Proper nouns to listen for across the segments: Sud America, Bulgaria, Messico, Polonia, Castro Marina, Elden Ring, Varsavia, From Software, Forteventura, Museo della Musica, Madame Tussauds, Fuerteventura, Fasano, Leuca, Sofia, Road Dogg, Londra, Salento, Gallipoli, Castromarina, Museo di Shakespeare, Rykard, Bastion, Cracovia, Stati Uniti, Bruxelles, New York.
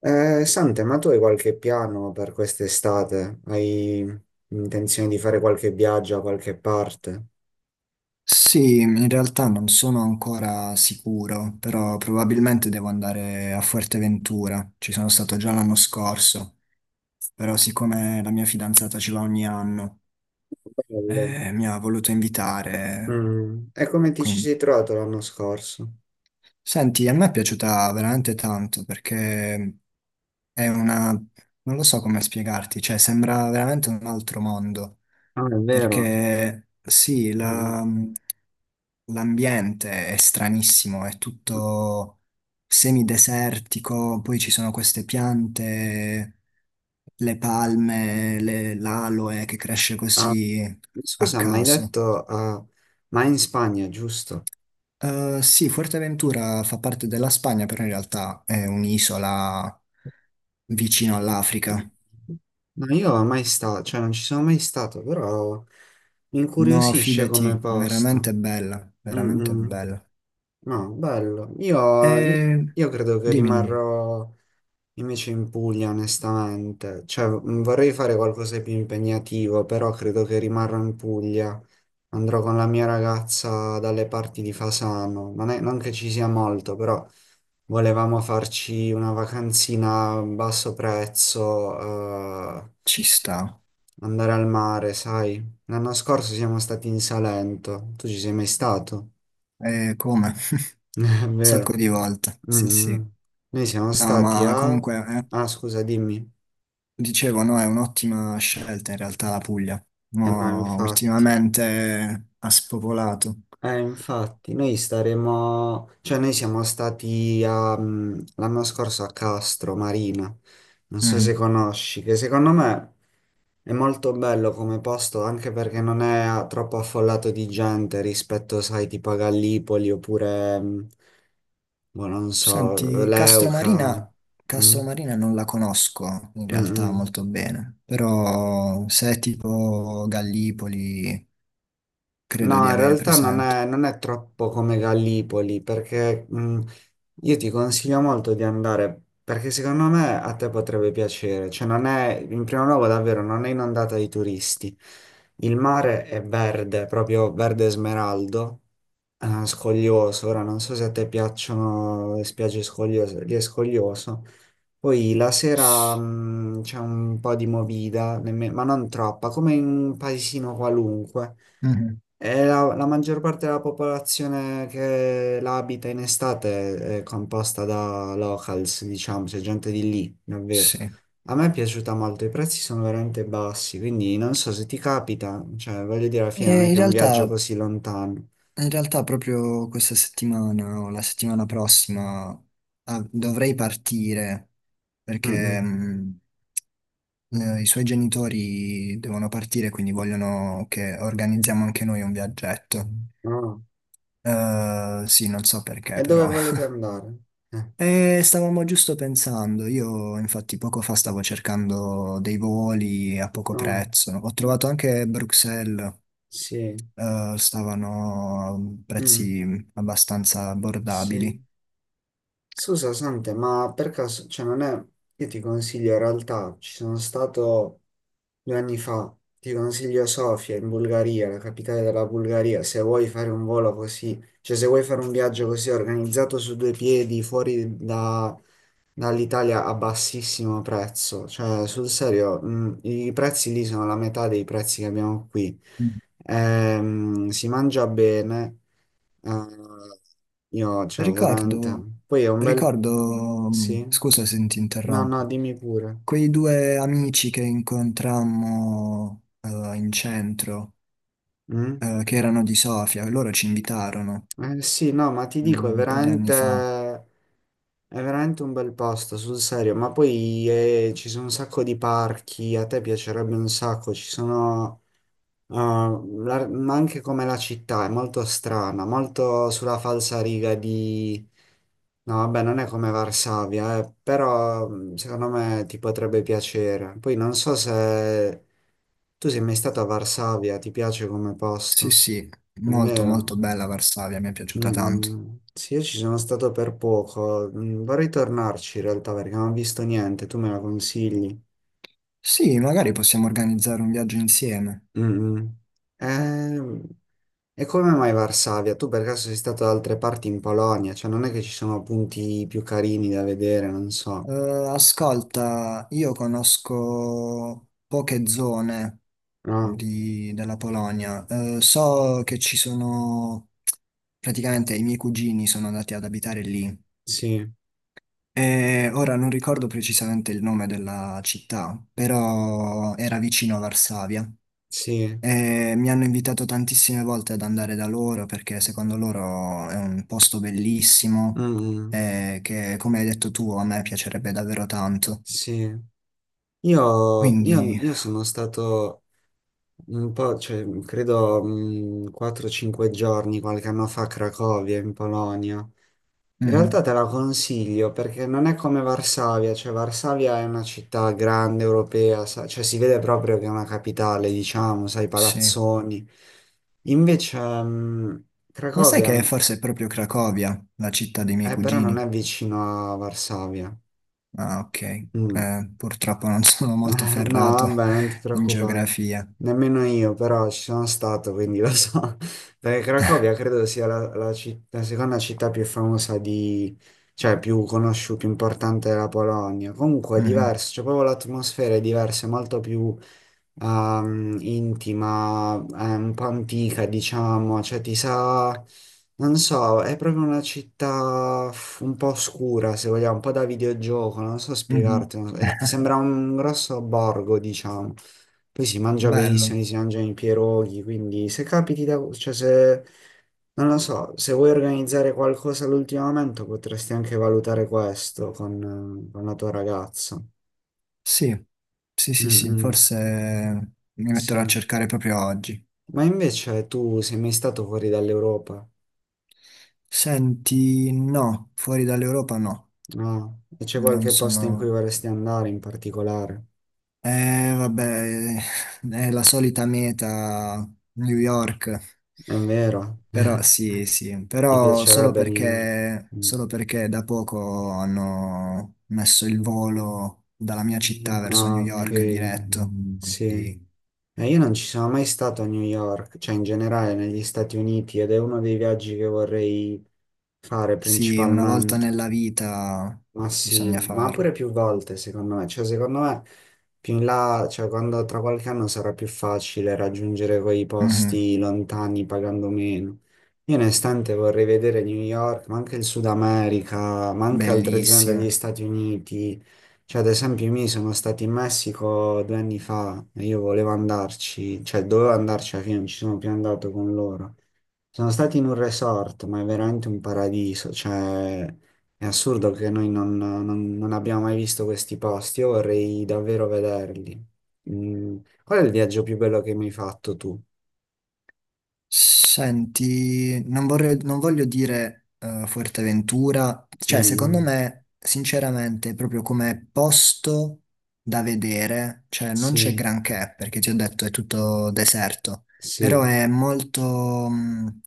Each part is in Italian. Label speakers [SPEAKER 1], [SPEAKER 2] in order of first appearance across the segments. [SPEAKER 1] Sante, ma tu hai qualche piano per quest'estate? Hai intenzione di fare qualche viaggio a qualche parte?
[SPEAKER 2] Sì, in realtà non sono ancora sicuro, però probabilmente devo andare a Fuerteventura. Ci sono stato già l'anno scorso, però siccome la mia fidanzata ci va ogni anno,
[SPEAKER 1] Bello.
[SPEAKER 2] mi ha voluto invitare,
[SPEAKER 1] E come ti ci
[SPEAKER 2] quindi...
[SPEAKER 1] sei trovato l'anno scorso?
[SPEAKER 2] Senti, a me è piaciuta veramente tanto perché è una... non lo so come spiegarti, cioè sembra veramente un altro mondo,
[SPEAKER 1] Ah, è vero.
[SPEAKER 2] perché sì,
[SPEAKER 1] Mm.
[SPEAKER 2] l'ambiente è stranissimo, è tutto semidesertico, poi ci sono queste piante, le palme, l'aloe che cresce
[SPEAKER 1] Ah,
[SPEAKER 2] così a
[SPEAKER 1] scusa, ma hai
[SPEAKER 2] caso.
[SPEAKER 1] detto, ma in Spagna, giusto?
[SPEAKER 2] Sì, Fuerteventura fa parte della Spagna, però in realtà è un'isola vicino all'Africa.
[SPEAKER 1] No, io mai stato, cioè non ci sono mai stato, però mi
[SPEAKER 2] No,
[SPEAKER 1] incuriosisce come
[SPEAKER 2] fidati, veramente
[SPEAKER 1] posto.
[SPEAKER 2] bella,
[SPEAKER 1] Mm,
[SPEAKER 2] veramente
[SPEAKER 1] mm.
[SPEAKER 2] bella.
[SPEAKER 1] No, bello. Io, io-
[SPEAKER 2] E
[SPEAKER 1] io credo che
[SPEAKER 2] dimmi, dimmi,
[SPEAKER 1] rimarrò invece in Puglia, onestamente. Cioè, vorrei fare qualcosa di più impegnativo, però credo che rimarrò in Puglia. Andrò con la mia ragazza dalle parti di Fasano. Non che ci sia molto, però volevamo farci una vacanzina a basso prezzo,
[SPEAKER 2] ci sta.
[SPEAKER 1] andare al mare, sai. L'anno scorso siamo stati in Salento. Tu ci sei mai stato?
[SPEAKER 2] E come? Un
[SPEAKER 1] È vero.
[SPEAKER 2] sacco di volte, sì, sì.
[SPEAKER 1] Mm. Noi siamo
[SPEAKER 2] No,
[SPEAKER 1] stati
[SPEAKER 2] ma
[SPEAKER 1] a.
[SPEAKER 2] comunque,
[SPEAKER 1] Ah, scusa, dimmi.
[SPEAKER 2] dicevo, no, è un'ottima scelta in realtà la Puglia.
[SPEAKER 1] No,
[SPEAKER 2] Mo
[SPEAKER 1] infatti.
[SPEAKER 2] ultimamente ha spopolato.
[SPEAKER 1] Infatti, noi staremo. Cioè, noi siamo stati a, l'anno scorso a Castro Marina. Non so se
[SPEAKER 2] Mhm.
[SPEAKER 1] conosci, che secondo me è molto bello come posto, anche perché non è a- troppo affollato di gente rispetto, sai, tipo a Gallipoli oppure, boh, non so,
[SPEAKER 2] Senti,
[SPEAKER 1] Leuca.
[SPEAKER 2] Castromarina,
[SPEAKER 1] Mm?
[SPEAKER 2] Castromarina non la conosco in realtà
[SPEAKER 1] Mm-mm.
[SPEAKER 2] molto bene, però se è tipo Gallipoli, credo
[SPEAKER 1] No,
[SPEAKER 2] di
[SPEAKER 1] in
[SPEAKER 2] avere
[SPEAKER 1] realtà non è,
[SPEAKER 2] presente.
[SPEAKER 1] non è troppo come Gallipoli, perché io ti consiglio molto di andare, perché secondo me a te potrebbe piacere. Cioè, non è, in primo luogo, davvero, non è inondata di turisti. Il mare è verde, proprio verde smeraldo, scoglioso. Ora non so se a te piacciono le spiagge scogliose, lì è scoglioso. Poi la sera c'è un po' di movida, ma non troppa, come in un paesino qualunque.
[SPEAKER 2] Mhm.
[SPEAKER 1] E la maggior parte della popolazione che la abita in estate è composta da locals, diciamo, c'è gente di lì, davvero.
[SPEAKER 2] Sì.
[SPEAKER 1] A me è piaciuta molto, i prezzi sono veramente bassi, quindi non so se ti capita, cioè voglio dire, alla fine non
[SPEAKER 2] E
[SPEAKER 1] è
[SPEAKER 2] in
[SPEAKER 1] che è un viaggio
[SPEAKER 2] realtà
[SPEAKER 1] così lontano.
[SPEAKER 2] In realtà proprio questa settimana o la settimana prossima, dovrei partire
[SPEAKER 1] Mm,
[SPEAKER 2] perché
[SPEAKER 1] mm.
[SPEAKER 2] i suoi genitori devono partire, quindi vogliono che organizziamo anche noi un viaggetto.
[SPEAKER 1] No.
[SPEAKER 2] Sì, non so perché
[SPEAKER 1] E dove
[SPEAKER 2] però.
[SPEAKER 1] volete andare? Eh,
[SPEAKER 2] E stavamo giusto pensando, io infatti poco fa stavo cercando dei voli a poco
[SPEAKER 1] no,
[SPEAKER 2] prezzo. Ho trovato anche Bruxelles,
[SPEAKER 1] sì,
[SPEAKER 2] stavano a
[SPEAKER 1] Mm,
[SPEAKER 2] prezzi abbastanza abbordabili.
[SPEAKER 1] sì. Scusa, Sante, ma per caso, cioè non è. Io ti consiglio, in realtà, ci sono stato, 2 anni fa. Ti consiglio Sofia in Bulgaria, la capitale della Bulgaria, se vuoi fare un volo così, cioè se vuoi fare un viaggio così organizzato su due piedi dall'Italia a bassissimo prezzo, cioè sul serio, i prezzi lì sono la metà dei prezzi che abbiamo qui. Si mangia bene, eh, io, cioè
[SPEAKER 2] Ricordo,
[SPEAKER 1] veramente. Poi è un bel.
[SPEAKER 2] ricordo,
[SPEAKER 1] Sì?
[SPEAKER 2] scusa se ti
[SPEAKER 1] No, no,
[SPEAKER 2] interrompo,
[SPEAKER 1] dimmi pure.
[SPEAKER 2] quei due amici che incontrammo in centro,
[SPEAKER 1] Mm?
[SPEAKER 2] che erano di Sofia, loro ci invitarono
[SPEAKER 1] Sì, no, ma ti dico, è
[SPEAKER 2] un po' di anni
[SPEAKER 1] veramente,
[SPEAKER 2] fa.
[SPEAKER 1] è veramente un bel posto, sul serio. Ma poi ci sono un sacco di parchi, a te piacerebbe un sacco, ci sono, ma anche come la città è molto strana, molto sulla falsariga di. No, vabbè, non è come Varsavia, però secondo me ti potrebbe piacere. Poi non so se tu sei mai stato a Varsavia, ti piace come
[SPEAKER 2] Sì,
[SPEAKER 1] posto,
[SPEAKER 2] sì,
[SPEAKER 1] è
[SPEAKER 2] molto molto
[SPEAKER 1] vero?
[SPEAKER 2] bella Varsavia, mi è piaciuta tanto.
[SPEAKER 1] Sì, io ci sono stato per poco, vorrei tornarci in realtà perché non ho visto niente, tu me la consigli.
[SPEAKER 2] Sì, magari possiamo organizzare un viaggio insieme.
[SPEAKER 1] Mm, mm. Eh, e come mai Varsavia? Tu per caso sei stato da altre parti in Polonia? Cioè non è che ci sono punti più carini da vedere, non so.
[SPEAKER 2] Ascolta, io conosco poche zone
[SPEAKER 1] Ah,
[SPEAKER 2] della Polonia. So che ci sono, praticamente i miei cugini sono andati ad abitare lì.
[SPEAKER 1] sì,
[SPEAKER 2] E ora non ricordo precisamente il nome della città, però era vicino a Varsavia.
[SPEAKER 1] sì,
[SPEAKER 2] E mi hanno invitato tantissime volte ad andare da loro perché secondo loro è un posto bellissimo
[SPEAKER 1] Mm,
[SPEAKER 2] che, come hai detto tu, a me piacerebbe davvero tanto.
[SPEAKER 1] sì. Io, io-
[SPEAKER 2] Quindi,
[SPEAKER 1] io sono stato un po', cioè, credo, 4-5 giorni qualche anno fa a Cracovia, in Polonia. In
[SPEAKER 2] mm,
[SPEAKER 1] realtà te la consiglio perché non è come Varsavia, cioè Varsavia è una città grande europea, cioè si vede proprio che è una capitale, diciamo, sai, i
[SPEAKER 2] sì.
[SPEAKER 1] palazzoni. Invece
[SPEAKER 2] Ma sai
[SPEAKER 1] Cracovia
[SPEAKER 2] che forse è proprio Cracovia, la città dei miei
[SPEAKER 1] è però non
[SPEAKER 2] cugini?
[SPEAKER 1] è vicino a Varsavia.
[SPEAKER 2] Ah, ok.
[SPEAKER 1] Mm.
[SPEAKER 2] Purtroppo non sono molto
[SPEAKER 1] No,
[SPEAKER 2] ferrato
[SPEAKER 1] vabbè, non ti
[SPEAKER 2] in
[SPEAKER 1] preoccupare.
[SPEAKER 2] geografia.
[SPEAKER 1] Nemmeno io, però ci sono stato, quindi lo so. Perché Cracovia credo sia la seconda città più famosa di. Cioè più conosciuta, più importante della Polonia. Comunque è
[SPEAKER 2] Mhm,
[SPEAKER 1] diverso, cioè proprio l'atmosfera è diversa, è molto più intima, è un po' antica, diciamo, cioè ti sa. Non so, è proprio una città un po' oscura, se vogliamo, un po' da videogioco, non so
[SPEAKER 2] mhm.
[SPEAKER 1] spiegarti. Sembra un grosso borgo, diciamo. Poi si mangia
[SPEAKER 2] Bello.
[SPEAKER 1] benissimo, si mangiano i pierogi, quindi se capiti da. Cioè se. Non lo so, se vuoi organizzare qualcosa all'ultimo momento potresti anche valutare questo con la tua ragazza.
[SPEAKER 2] Sì, sì, sì,
[SPEAKER 1] Mm,
[SPEAKER 2] sì,
[SPEAKER 1] mm,
[SPEAKER 2] forse mi metterò a
[SPEAKER 1] sì.
[SPEAKER 2] cercare proprio oggi.
[SPEAKER 1] Ma invece tu sei mai stato fuori dall'Europa?
[SPEAKER 2] Senti, no, fuori dall'Europa no.
[SPEAKER 1] No? E c'è
[SPEAKER 2] Non
[SPEAKER 1] qualche posto in cui
[SPEAKER 2] sono...
[SPEAKER 1] vorresti andare in particolare?
[SPEAKER 2] Vabbè, è la solita meta, New York.
[SPEAKER 1] È vero.
[SPEAKER 2] Però sì, sì,
[SPEAKER 1] Ti
[SPEAKER 2] però
[SPEAKER 1] piacerebbe New York? Mm.
[SPEAKER 2] solo perché da poco hanno messo il volo dalla mia città verso
[SPEAKER 1] Ah,
[SPEAKER 2] New
[SPEAKER 1] ok.
[SPEAKER 2] York diretto.
[SPEAKER 1] Sì.
[SPEAKER 2] Quindi
[SPEAKER 1] Io non ci sono mai stato a New York, cioè in generale negli Stati Uniti, ed è uno dei viaggi che vorrei fare
[SPEAKER 2] sì, una volta
[SPEAKER 1] principalmente.
[SPEAKER 2] nella vita
[SPEAKER 1] Ma sì,
[SPEAKER 2] bisogna
[SPEAKER 1] ma
[SPEAKER 2] farlo.
[SPEAKER 1] pure più volte secondo me, cioè secondo me più in là, cioè quando tra qualche anno sarà più facile raggiungere quei
[SPEAKER 2] Mhm.
[SPEAKER 1] posti lontani pagando meno. Io onestamente vorrei vedere New York, ma anche il Sud America, ma anche altre zone degli
[SPEAKER 2] Bellissimo.
[SPEAKER 1] Stati Uniti. Cioè ad esempio io mi sono stato in Messico 2 anni fa e io volevo andarci, cioè dovevo andarci alla fine, non ci sono più andato con loro. Sono stati in un resort, ma è veramente un paradiso, cioè è assurdo che noi non abbiamo mai visto questi posti, io vorrei davvero vederli. Mm, Qual è il viaggio più bello che mi hai fatto tu?
[SPEAKER 2] Senti, non voglio dire Fuerteventura,
[SPEAKER 1] Mm,
[SPEAKER 2] cioè secondo
[SPEAKER 1] mm.
[SPEAKER 2] me, sinceramente, proprio come posto da vedere, cioè non c'è
[SPEAKER 1] Sì,
[SPEAKER 2] granché, perché ti ho detto è tutto deserto, però
[SPEAKER 1] sì,
[SPEAKER 2] è molto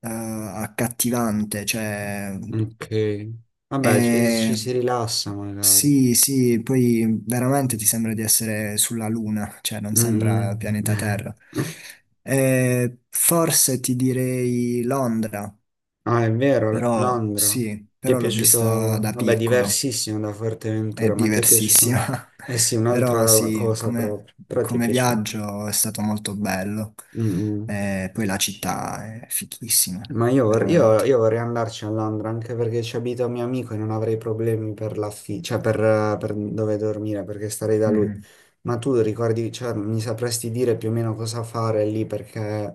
[SPEAKER 2] accattivante, cioè
[SPEAKER 1] ok. Vabbè, ci,
[SPEAKER 2] è
[SPEAKER 1] ci si rilassa magari.
[SPEAKER 2] sì, sì, poi veramente ti sembra di essere sulla Luna, cioè non
[SPEAKER 1] Mm, mm.
[SPEAKER 2] sembra pianeta Terra. Forse ti direi Londra,
[SPEAKER 1] Ah, è vero,
[SPEAKER 2] però
[SPEAKER 1] Londra.
[SPEAKER 2] sì,
[SPEAKER 1] Ti è
[SPEAKER 2] però l'ho vista
[SPEAKER 1] piaciuto?
[SPEAKER 2] da
[SPEAKER 1] Vabbè,
[SPEAKER 2] piccolo,
[SPEAKER 1] diversissimo da
[SPEAKER 2] è
[SPEAKER 1] Forteventura, ma ti è piaciuto?
[SPEAKER 2] diversissima,
[SPEAKER 1] Eh sì,
[SPEAKER 2] però
[SPEAKER 1] un'altra
[SPEAKER 2] sì,
[SPEAKER 1] cosa
[SPEAKER 2] come,
[SPEAKER 1] proprio, però ti è
[SPEAKER 2] come
[SPEAKER 1] piaciuto.
[SPEAKER 2] viaggio è stato molto bello.
[SPEAKER 1] Mm, mm.
[SPEAKER 2] Poi la città è fichissima,
[SPEAKER 1] Ma io, vor- io-
[SPEAKER 2] veramente.
[SPEAKER 1] io vorrei andarci a Londra anche perché ci abita un mio amico e non avrei problemi per l'affitto, cioè per dove dormire perché starei da lui.
[SPEAKER 2] Mhm.
[SPEAKER 1] Ma tu ricordi, cioè, mi sapresti dire più o meno cosa fare lì perché.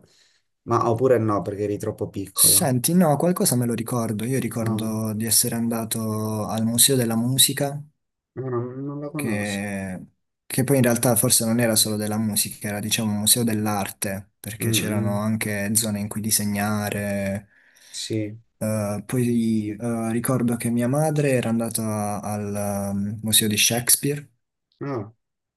[SPEAKER 1] Ma oppure no, perché eri troppo piccolo.
[SPEAKER 2] Senti, no, qualcosa me lo ricordo. Io
[SPEAKER 1] No,
[SPEAKER 2] ricordo di essere andato al Museo della Musica,
[SPEAKER 1] no, non la conosco.
[SPEAKER 2] che, che poi in realtà forse non era solo della musica, era diciamo un museo dell'arte,
[SPEAKER 1] Mm,
[SPEAKER 2] perché c'erano
[SPEAKER 1] mm.
[SPEAKER 2] anche zone in cui disegnare.
[SPEAKER 1] Sì.
[SPEAKER 2] Poi ricordo che mia madre era andata al Museo di Shakespeare
[SPEAKER 1] No,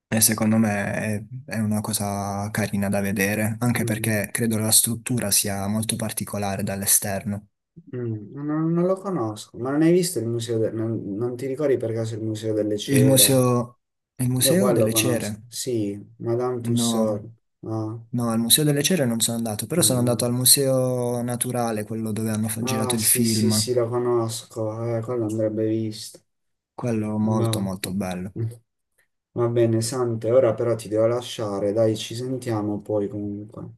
[SPEAKER 2] e secondo me è una cosa carina da vedere, anche
[SPEAKER 1] mm,
[SPEAKER 2] perché credo la struttura sia molto particolare dall'esterno.
[SPEAKER 1] non lo conosco, ma non hai visto il museo del. Non ti ricordi per caso il museo delle
[SPEAKER 2] Il
[SPEAKER 1] cere?
[SPEAKER 2] museo, il
[SPEAKER 1] Io qua
[SPEAKER 2] museo
[SPEAKER 1] lo
[SPEAKER 2] delle
[SPEAKER 1] conosco,
[SPEAKER 2] cere?
[SPEAKER 1] sì, Madame Tussauds,
[SPEAKER 2] No,
[SPEAKER 1] no?
[SPEAKER 2] no, al museo delle cere non sono andato, però sono andato al
[SPEAKER 1] Mm.
[SPEAKER 2] museo naturale, quello dove hanno girato
[SPEAKER 1] Ah,
[SPEAKER 2] il
[SPEAKER 1] sì, sì,
[SPEAKER 2] film.
[SPEAKER 1] sì, lo conosco, quello andrebbe visto,
[SPEAKER 2] Quello molto
[SPEAKER 1] no.
[SPEAKER 2] molto bello.
[SPEAKER 1] Mm. Va bene, Sante, ora però ti devo lasciare, dai, ci sentiamo poi comunque.